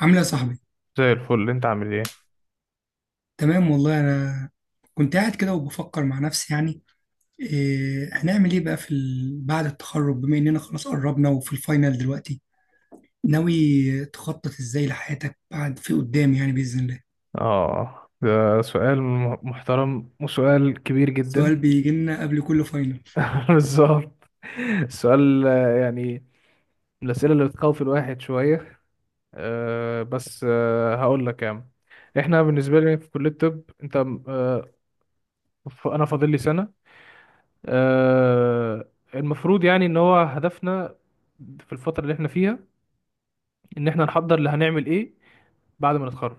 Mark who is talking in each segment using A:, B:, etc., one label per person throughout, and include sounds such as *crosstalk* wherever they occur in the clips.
A: عامل ايه يا صاحبي؟
B: زي الفل، انت عامل ايه؟
A: تمام والله انا كنت قاعد كده وبفكر مع نفسي يعني هنعمل ايه بقى في ال... بعد التخرج بما اننا خلاص قربنا وفي الفاينل دلوقتي. ناوي تخطط ازاي لحياتك بعد في قدام يعني باذن الله.
B: اه ده سؤال محترم وسؤال كبير
A: السؤال
B: جدا.
A: بيجي لنا قبل كل فاينل.
B: *laughs* بالظبط. السؤال، يعني من الاسئله اللي بتخوف الواحد شويه. بس هقول لك يا عم. احنا بالنسبه لي في كليه الطب، انت. أه انا فاضل لي سنه. أه المفروض يعني ان هو هدفنا في الفتره اللي احنا فيها ان احنا نحضر اللي هنعمل ايه بعد ما نتخرج.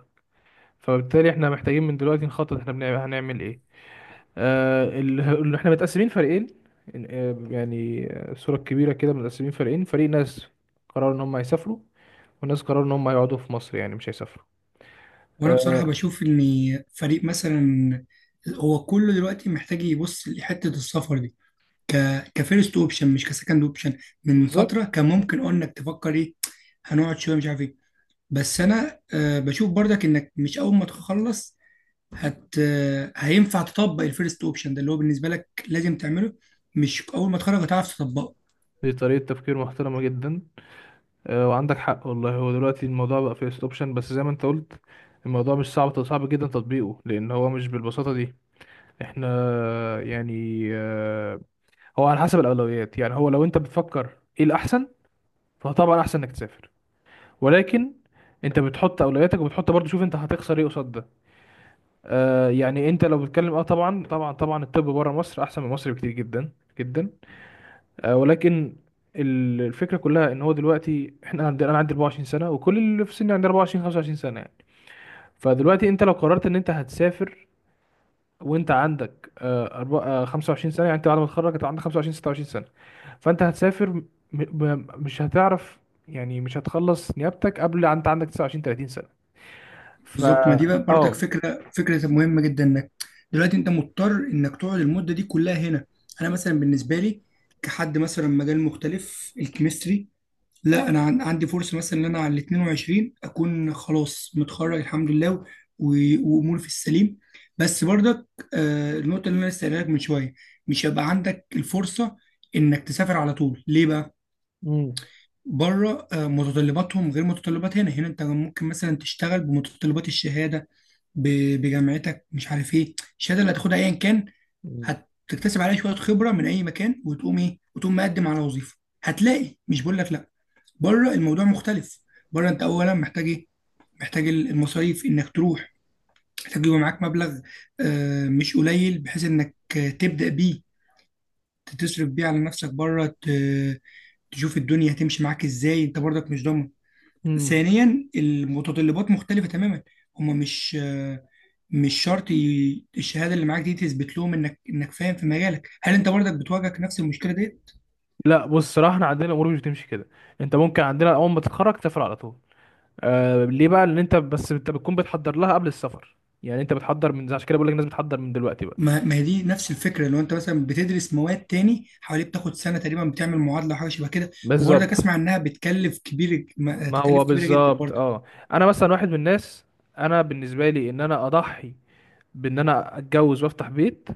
B: فبالتالي احنا محتاجين من دلوقتي نخطط احنا هنعمل ايه. اللي احنا متقسمين فريقين. يعني، صورة كبيرة كده، متقسمين فريقين، فريق ناس قرروا ان هم يسافروا، وناس قرروا ان هم يقعدوا في مصر، يعني مش هيسافروا.
A: وانا
B: آه.
A: بصراحه بشوف ان فريق مثلا هو كله دلوقتي محتاج يبص لحته السفر دي ك كفيرست اوبشن مش كسكند اوبشن. من
B: بالظبط.
A: فتره كان ممكن قلنا انك تفكر ايه، هنقعد شويه مش عارف ايه. بس انا بشوف برضك انك مش اول ما تخلص هت آه، هينفع تطبق الفيرست اوبشن ده اللي هو بالنسبه لك لازم تعمله. مش اول ما تخرج هتعرف تطبقه.
B: دي طريقة تفكير محترمة جدا. وعندك حق والله، هو دلوقتي الموضوع بقى فيه اوبشن، بس زي ما انت قلت الموضوع مش صعب صعب جدا تطبيقه، لان هو مش بالبساطة دي. احنا آه، يعني آه، هو على حسب الاولويات، يعني هو لو انت بتفكر ايه الاحسن، فطبعا احسن انك تسافر. ولكن انت بتحط اولوياتك، وبتحط برضو شوف انت هتخسر ايه قصاد ده. يعني انت لو بتتكلم، طبعا طبعا طبعا الطب بره مصر احسن من مصر بكتير جدا، جدا. ولكن الفكره كلها ان هو دلوقتي، احنا عندي انا عندي 24 سنه، وكل اللي في سني عندي 24 25 سنه يعني. فدلوقتي انت لو قررت ان انت هتسافر، وانت عندك 25 سنه، يعني انت بعد ما تتخرج انت عندك 25 26 سنه، فانت هتسافر، ب... مش هتعرف، يعني مش هتخلص نيابتك قبل انت عندك 29 30 سنه. ف
A: بالظبط، ما دي بقى برضك
B: اه
A: فكره مهمه جدا، انك دلوقتي انت مضطر انك تقعد المده دي كلها هنا. انا مثلا بالنسبه لي كحد مثلا مجال مختلف الكيمستري، لا انا عندي فرصه مثلا ان انا على ال 22 اكون خلاص متخرج الحمد لله واموري في السليم. بس برضك النقطه اللي انا لسه قايلها لك من شويه، مش هيبقى عندك الفرصه انك تسافر على طول. ليه بقى؟
B: مم.
A: بره متطلباتهم غير متطلبات هنا. هنا انت ممكن مثلا تشتغل بمتطلبات الشهاده بجامعتك، مش عارف ايه الشهاده اللي هتاخدها ايا كان،
B: مم.
A: هتكتسب عليها شويه خبره من اي مكان وتقوم ايه وتقوم مقدم على وظيفه. هتلاقي، مش بقول لك لا، بره الموضوع مختلف. بره انت اولا محتاج ايه؟ محتاج المصاريف انك تروح، محتاج يبقى معاك مبلغ مش قليل بحيث انك تبدا بيه، تصرف بيه على نفسك بره، تشوف الدنيا هتمشي معاك ازاي، انت برضك مش ضامن.
B: مم.
A: ثانيا المتطلبات مختلفه تماما، هما مش مش شرط الشهاده اللي معاك دي تثبت لهم انك فاهم في مجالك. هل انت برضك بتواجهك نفس المشكله دي؟
B: لا، بص، صراحة احنا عندنا الامور مش بتمشي كده. انت ممكن عندنا اول ما تتخرج تسافر على طول. ليه بقى؟ لان انت، بس انت بتكون بتحضر لها قبل السفر. يعني انت بتحضر من، عشان كده بقول لك الناس بتحضر من دلوقتي بقى.
A: ما هي دي نفس الفكره، لو انت مثلا بتدرس مواد تاني حوالي بتاخد سنه تقريبا بتعمل معادله او حاجه شبه كده، وبرضك
B: بالظبط.
A: اسمع انها بتكلف كبير،
B: ما
A: تكاليف
B: هو
A: كبيره جدا
B: بالظبط.
A: برضك.
B: اه انا مثلا واحد من الناس، انا بالنسبة لي ان انا اضحي بان انا اتجوز وافتح بيت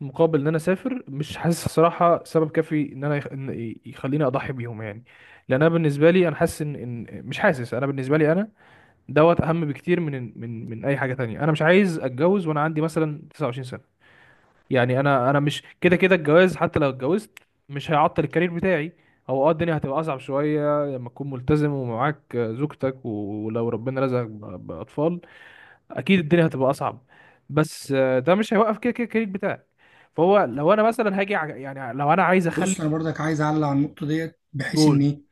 B: مقابل ان انا اسافر، مش حاسس صراحه سبب كافي ان انا يخليني اضحي بيهم يعني. لان انا بالنسبه لي انا حاسس ان، مش حاسس، انا بالنسبه لي انا دوت اهم بكتير من اي حاجه تانية. انا مش عايز اتجوز وانا عندي مثلا 29 سنه، يعني انا مش كده كده الجواز. حتى لو اتجوزت مش هيعطل الكارير بتاعي. هو الدنيا هتبقى اصعب شويه لما تكون ملتزم ومعاك زوجتك، ولو ربنا رزقك باطفال اكيد الدنيا هتبقى اصعب. بس ده مش هيوقف كده كده الكارير بتاعك. فهو لو انا مثلا هاجي ع- يعني لو انا عايز اخلي.
A: بص انا برضك عايز اعلق على النقطه ديت، بحيث ان
B: تقول.
A: ايه،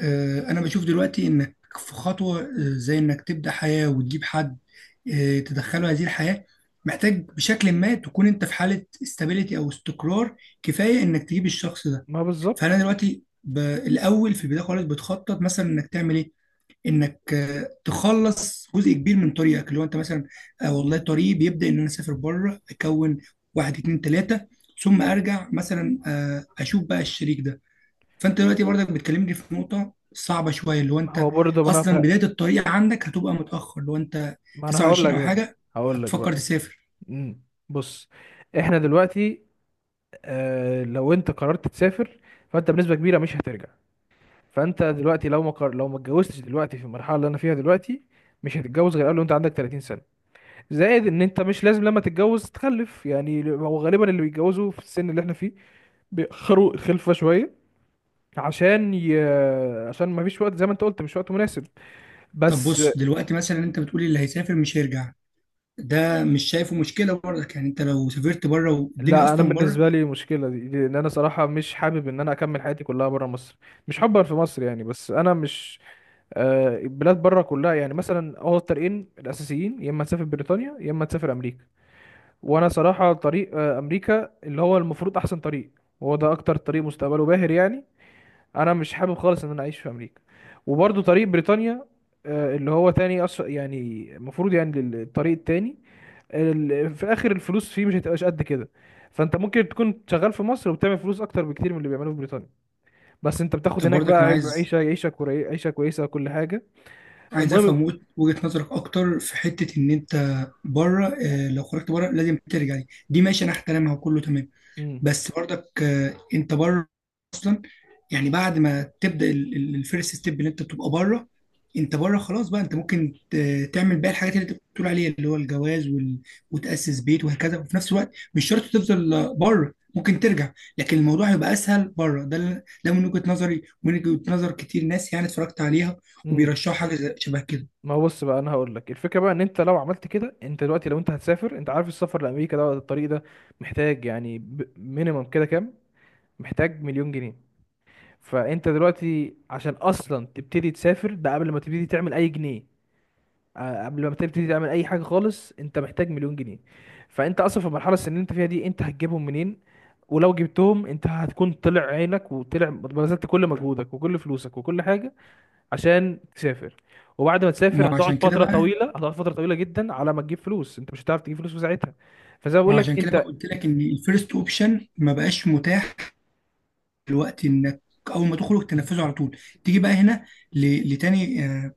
A: انا بشوف دلوقتي انك في خطوه زي انك تبدا حياه وتجيب حد تدخله هذه الحياه، محتاج بشكل ما تكون انت في حاله استابيليتي او استقرار، كفايه انك تجيب الشخص ده.
B: ما
A: فانا
B: بالظبط.
A: دلوقتي الاول في البدايه خالص بتخطط مثلا انك تعمل ايه، انك تخلص جزء كبير من طريقك اللي هو انت مثلا والله طريقي بيبدا ان انا اسافر بره، اكون واحد اتنين تلاته، ثم ارجع مثلا اشوف بقى الشريك ده. فانت دلوقتي برضك بتكلمني في نقطه صعبه شويه، اللي هو
B: ما هو
A: انت
B: برضه،
A: اصلا بدايه الطريق عندك هتبقى متاخر لو انت
B: ما انا هقول
A: 29
B: لك
A: او
B: بقى.
A: حاجه
B: هقول لك
A: هتفكر
B: بقى.
A: تسافر.
B: مم. بص، احنا دلوقتي، لو انت قررت تسافر فانت بنسبة كبيرة مش هترجع. فانت دلوقتي، لو ما اتجوزتش دلوقتي في المرحلة اللي انا فيها دلوقتي، مش هتتجوز غير قبل وانت عندك 30 سنة. زائد ان انت مش لازم لما تتجوز تخلف، يعني هو غالبا اللي بيتجوزوا في السن اللي احنا فيه بيأخروا الخلفة شوية، عشان ي... عشان ما فيش وقت زي ما انت قلت، مش وقت مناسب.
A: طب
B: بس
A: بص دلوقتي مثلا انت بتقولي اللي هيسافر مش هيرجع، ده مش شايفه مشكله برضك؟ يعني انت لو سافرت بره، والدنيا
B: لا، انا
A: اصلا بره.
B: بالنسبه لي مشكله دي، لان انا صراحه مش حابب ان انا اكمل حياتي كلها بره مصر. مش حبا في مصر يعني، بس انا مش، البلاد بره كلها يعني. مثلا هو الطريقين الاساسيين، يا اما تسافر بريطانيا يا اما تسافر امريكا. وانا صراحه طريق امريكا، اللي هو المفروض احسن طريق، وهو ده اكتر طريق مستقبله باهر يعني. انا مش حابب خالص ان انا اعيش في امريكا. وبرضو طريق بريطانيا، اللي هو تاني يعني المفروض يعني الطريق التاني. في الاخر الفلوس فيه مش هتبقاش قد كده، فانت ممكن تكون شغال في مصر وبتعمل فلوس اكتر بكتير من اللي بيعملوه في بريطانيا. بس انت بتاخد
A: طب
B: هناك
A: برضك
B: بقى
A: انا عايز
B: عيشه كويسه وكل حاجه.
A: عايز
B: المهم.
A: افهم وجهة نظرك اكتر في حتة ان انت بره. لو خرجت بره لازم ترجع، دي ماشي، انا احترمها وكله تمام.
B: امم.
A: بس برضك انت بره اصلا، يعني بعد ما تبدا الفيرست ستيب اللي انت بتبقى بره، انت بره خلاص بقى، انت ممكن تعمل باقي الحاجات اللي انت بتقول عليها اللي هو الجواز وال... وتاسس بيت وهكذا، وفي نفس الوقت مش شرط تفضل بره، ممكن ترجع. لكن الموضوع هيبقى اسهل بره، ده ده من وجهه نظري ومن وجهه نظر كتير ناس يعني اتفرجت عليها
B: امم.
A: وبيرشحوا حاجه شبه كده.
B: ما هو بص بقى، انا هقول لك الفكره بقى ان انت لو عملت كده، انت دلوقتي لو انت هتسافر، انت عارف السفر لامريكا ده، الطريق ده محتاج يعني، مينيمم كده كام؟ محتاج مليون جنيه. فانت دلوقتي عشان اصلا تبتدي تسافر، ده قبل ما تبتدي تعمل اي جنيه، قبل ما تبتدي تعمل اي حاجه خالص انت محتاج مليون جنيه. فانت اصلا في المرحله السنيه اللي انت فيها دي، انت هتجيبهم منين؟ ولو جبتهم انت هتكون طلع عينك، وطلع بذلت كل مجهودك وكل فلوسك وكل حاجه عشان تسافر. وبعد ما
A: ما
B: تسافر هتقعد
A: عشان كده
B: فتره
A: بقى
B: طويله، هتقعد فتره طويله جدا على ما تجيب فلوس، انت مش هتعرف تجيب فلوس في ساعتها. فزي ما بقول
A: ما
B: لك
A: عشان كده بقى
B: انت.
A: قلت لك ان الفيرست اوبشن ما بقاش متاح الوقت، انك اول ما تخرج تنفذه على طول. تيجي بقى هنا لتاني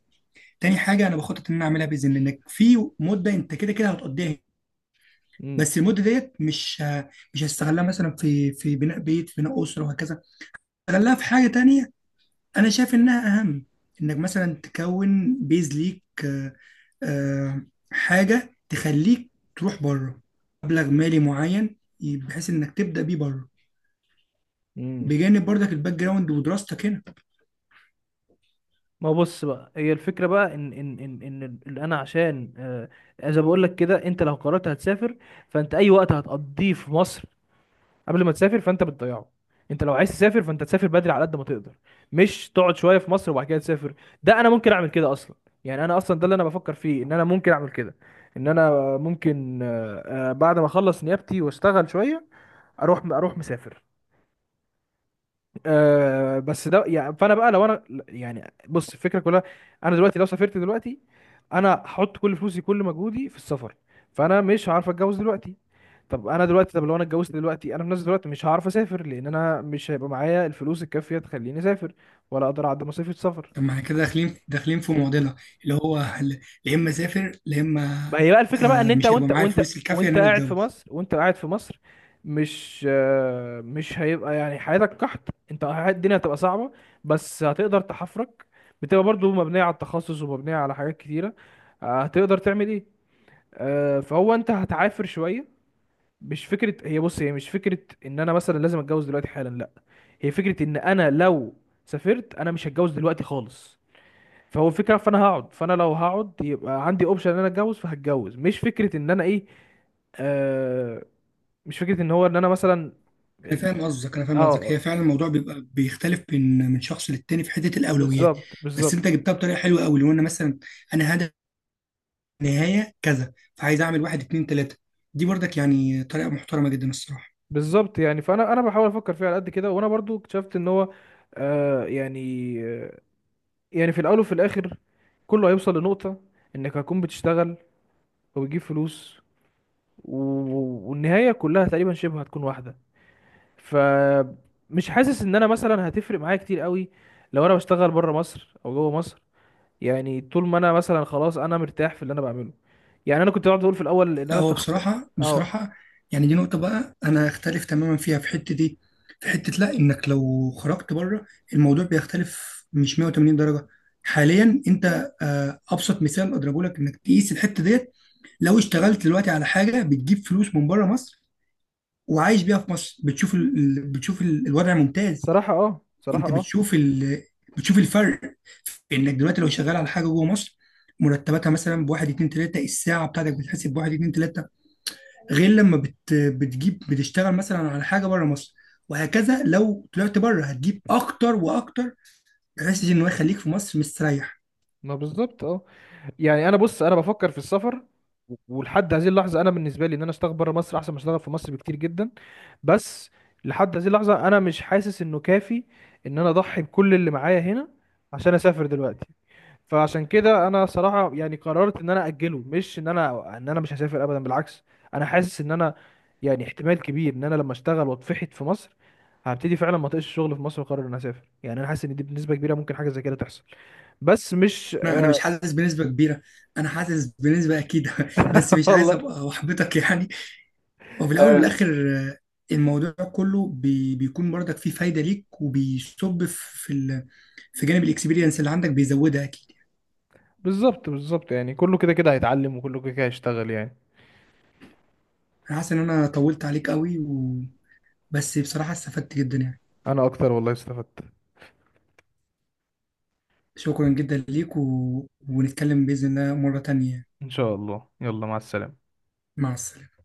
A: تاني حاجه انا بخطط ان انا اعملها باذن الله، انك في مده انت كده كده هتقضيها هنا،
B: مم.
A: بس المده ديت مش هستغلها مثلا في بناء بيت، في بناء اسره وهكذا، استغلها في حاجه تانيه انا شايف انها اهم، انك مثلا تكون بيز ليك آه، حاجه تخليك تروح بره، مبلغ مالي معين بحيث انك تبدا بيه بره،
B: مم.
A: بجانب برضك الباك جراوند ودراستك هنا.
B: ما هو بص بقى، هي الفكرة بقى اللي انا، عشان زي ما بقول لك كده، انت لو قررت هتسافر فانت اي وقت هتقضيه في مصر قبل ما تسافر فانت بتضيعه. انت لو عايز تسافر فانت تسافر بدري على قد ما تقدر، مش تقعد شوية في مصر وبعد كده تسافر. ده انا ممكن اعمل كده اصلا، يعني انا اصلا ده اللي انا بفكر فيه، ان انا ممكن اعمل كده. ان انا ممكن بعد ما اخلص نيابتي واشتغل شوية اروح، مسافر. بس ده يعني، فانا بقى لو انا، يعني بص الفكره كلها، انا دلوقتي لو سافرت دلوقتي انا هحط كل فلوسي كل مجهودي في السفر، فانا مش هعرف اتجوز دلوقتي. طب انا دلوقتي، لو انا اتجوزت دلوقتي انا في نفس الوقت مش هعرف اسافر، لان انا مش هيبقى معايا الفلوس الكافيه تخليني اسافر، ولا اقدر اعدي مصاريف السفر.
A: طب ما احنا كده داخلين في معضله، اللي هو يا اما اسافر يا اما
B: ما هي بقى الفكرة بقى ان انت
A: مش هيبقى
B: وانت
A: معايا
B: وانت
A: الفلوس الكافيه ان
B: وانت
A: انا
B: قاعد في
A: اتجوز.
B: مصر، مش هيبقى يعني حياتك قحط، انت الدنيا هتبقى صعبة بس هتقدر تحفرك، بتبقى برضو مبنية على التخصص ومبنية على حاجات كتيرة. هتقدر تعمل ايه، فهو انت هتعافر شوية. مش فكرة هي بص، هي مش فكرة ان انا مثلا لازم اتجوز دلوقتي حالا، لا. هي فكرة ان انا لو سافرت انا مش هتجوز دلوقتي خالص. فهو الفكره، فانا لو هقعد يبقى عندي اوبشن ان انا اتجوز فهتجوز، مش فكره ان انا ايه. آه مش فكره ان هو ان انا مثلا.
A: انا فاهم قصدك، هي
B: اه.
A: فعلا الموضوع بيبقى بيختلف من شخص للتاني في حته الاولويات.
B: بالظبط
A: بس
B: بالظبط
A: انت جبتها بطريقه حلوه قوي، لو انا مثلا انا هدف نهايه كذا فعايز اعمل واحد اتنين تلاته، دي برضك يعني طريقه محترمه جدا الصراحه.
B: بالظبط. يعني فانا بحاول افكر فيها على قد كده، وانا برضو اكتشفت ان هو يعني، في الاول وفي الاخر كله هيوصل لنقطه انك هتكون بتشتغل وبتجيب فلوس، والنهايه كلها تقريبا شبه هتكون واحده. فمش حاسس ان انا مثلا هتفرق معايا كتير قوي لو انا بشتغل بره مصر او جوه مصر. يعني طول ما انا مثلا خلاص انا مرتاح في اللي انا بعمله. يعني انا كنت بقعد اقول في الاول ان
A: لا،
B: انا
A: هو
B: شخص. اه.
A: بصراحة يعني دي نقطة بقى، أنا أختلف تماما فيها. في حتة دي، في حتة، لا، إنك لو خرجت بره الموضوع بيختلف مش 180 درجة. حاليا أنت أبسط مثال أضربه لك إنك تقيس الحتة ديت، لو اشتغلت دلوقتي على حاجة بتجيب فلوس من بره مصر وعايش بيها في مصر، بتشوف الوضع ممتاز.
B: صراحة. اه. صراحة.
A: أنت
B: اه.
A: بتشوف الفرق، في إنك دلوقتي لو شغال على حاجة جوه مصر مرتباتها مثلا بواحد اتنين تلاتة، الساعة بتاعتك بتتحسب بواحد اتنين تلاتة. غير لما بت بتجيب بتشتغل مثلا على حاجه بره مصر، وهكذا لو طلعت بره هتجيب اكتر واكتر، بحيث ان هو يخليك في مصر مستريح.
B: ما بالظبط. اه يعني انا، بص، بفكر في السفر، ولحد هذه اللحظة انا بالنسبة لي ان انا اشتغل بره مصر احسن ما اشتغل في مصر بكتير جدا. بس لحد هذه اللحظة انا مش حاسس انه كافي ان انا اضحي بكل اللي معايا هنا عشان اسافر دلوقتي. فعشان كده انا صراحه يعني قررت ان انا اجله، مش ان انا مش هسافر ابدا، بالعكس. انا حاسس ان انا، يعني احتمال كبير ان انا لما اشتغل واتفحت في مصر هبتدي فعلا ما اطيقش الشغل في مصر واقرر ان أنا اسافر. يعني انا حاسس ان دي بنسبه كبيره ممكن حاجه زي كده تحصل. بس مش،
A: أنا مش حاسس بنسبه كبيره، انا حاسس بنسبه اكيد *laughs* بس
B: *laughs*
A: مش عايز
B: والله.
A: ابقى احبطك يعني. وفي الاول
B: آه
A: والاخر الموضوع كله بيكون برضك فيه فايده ليك، وبيصب في ال... في جانب الاكسبيرينس اللي عندك بيزودها اكيد.
B: بالظبط بالظبط، يعني كله كده كده هيتعلم وكله كده كده هيشتغل يعني.
A: انا حاسس ان انا طولت عليك قوي و... بس بصراحه استفدت جدا يعني.
B: انا اكتر والله استفدت.
A: شكرا جدا ليك و... ونتكلم بإذن الله مرة تانية.
B: ان شاء الله، يلا مع السلامه.
A: مع السلامة.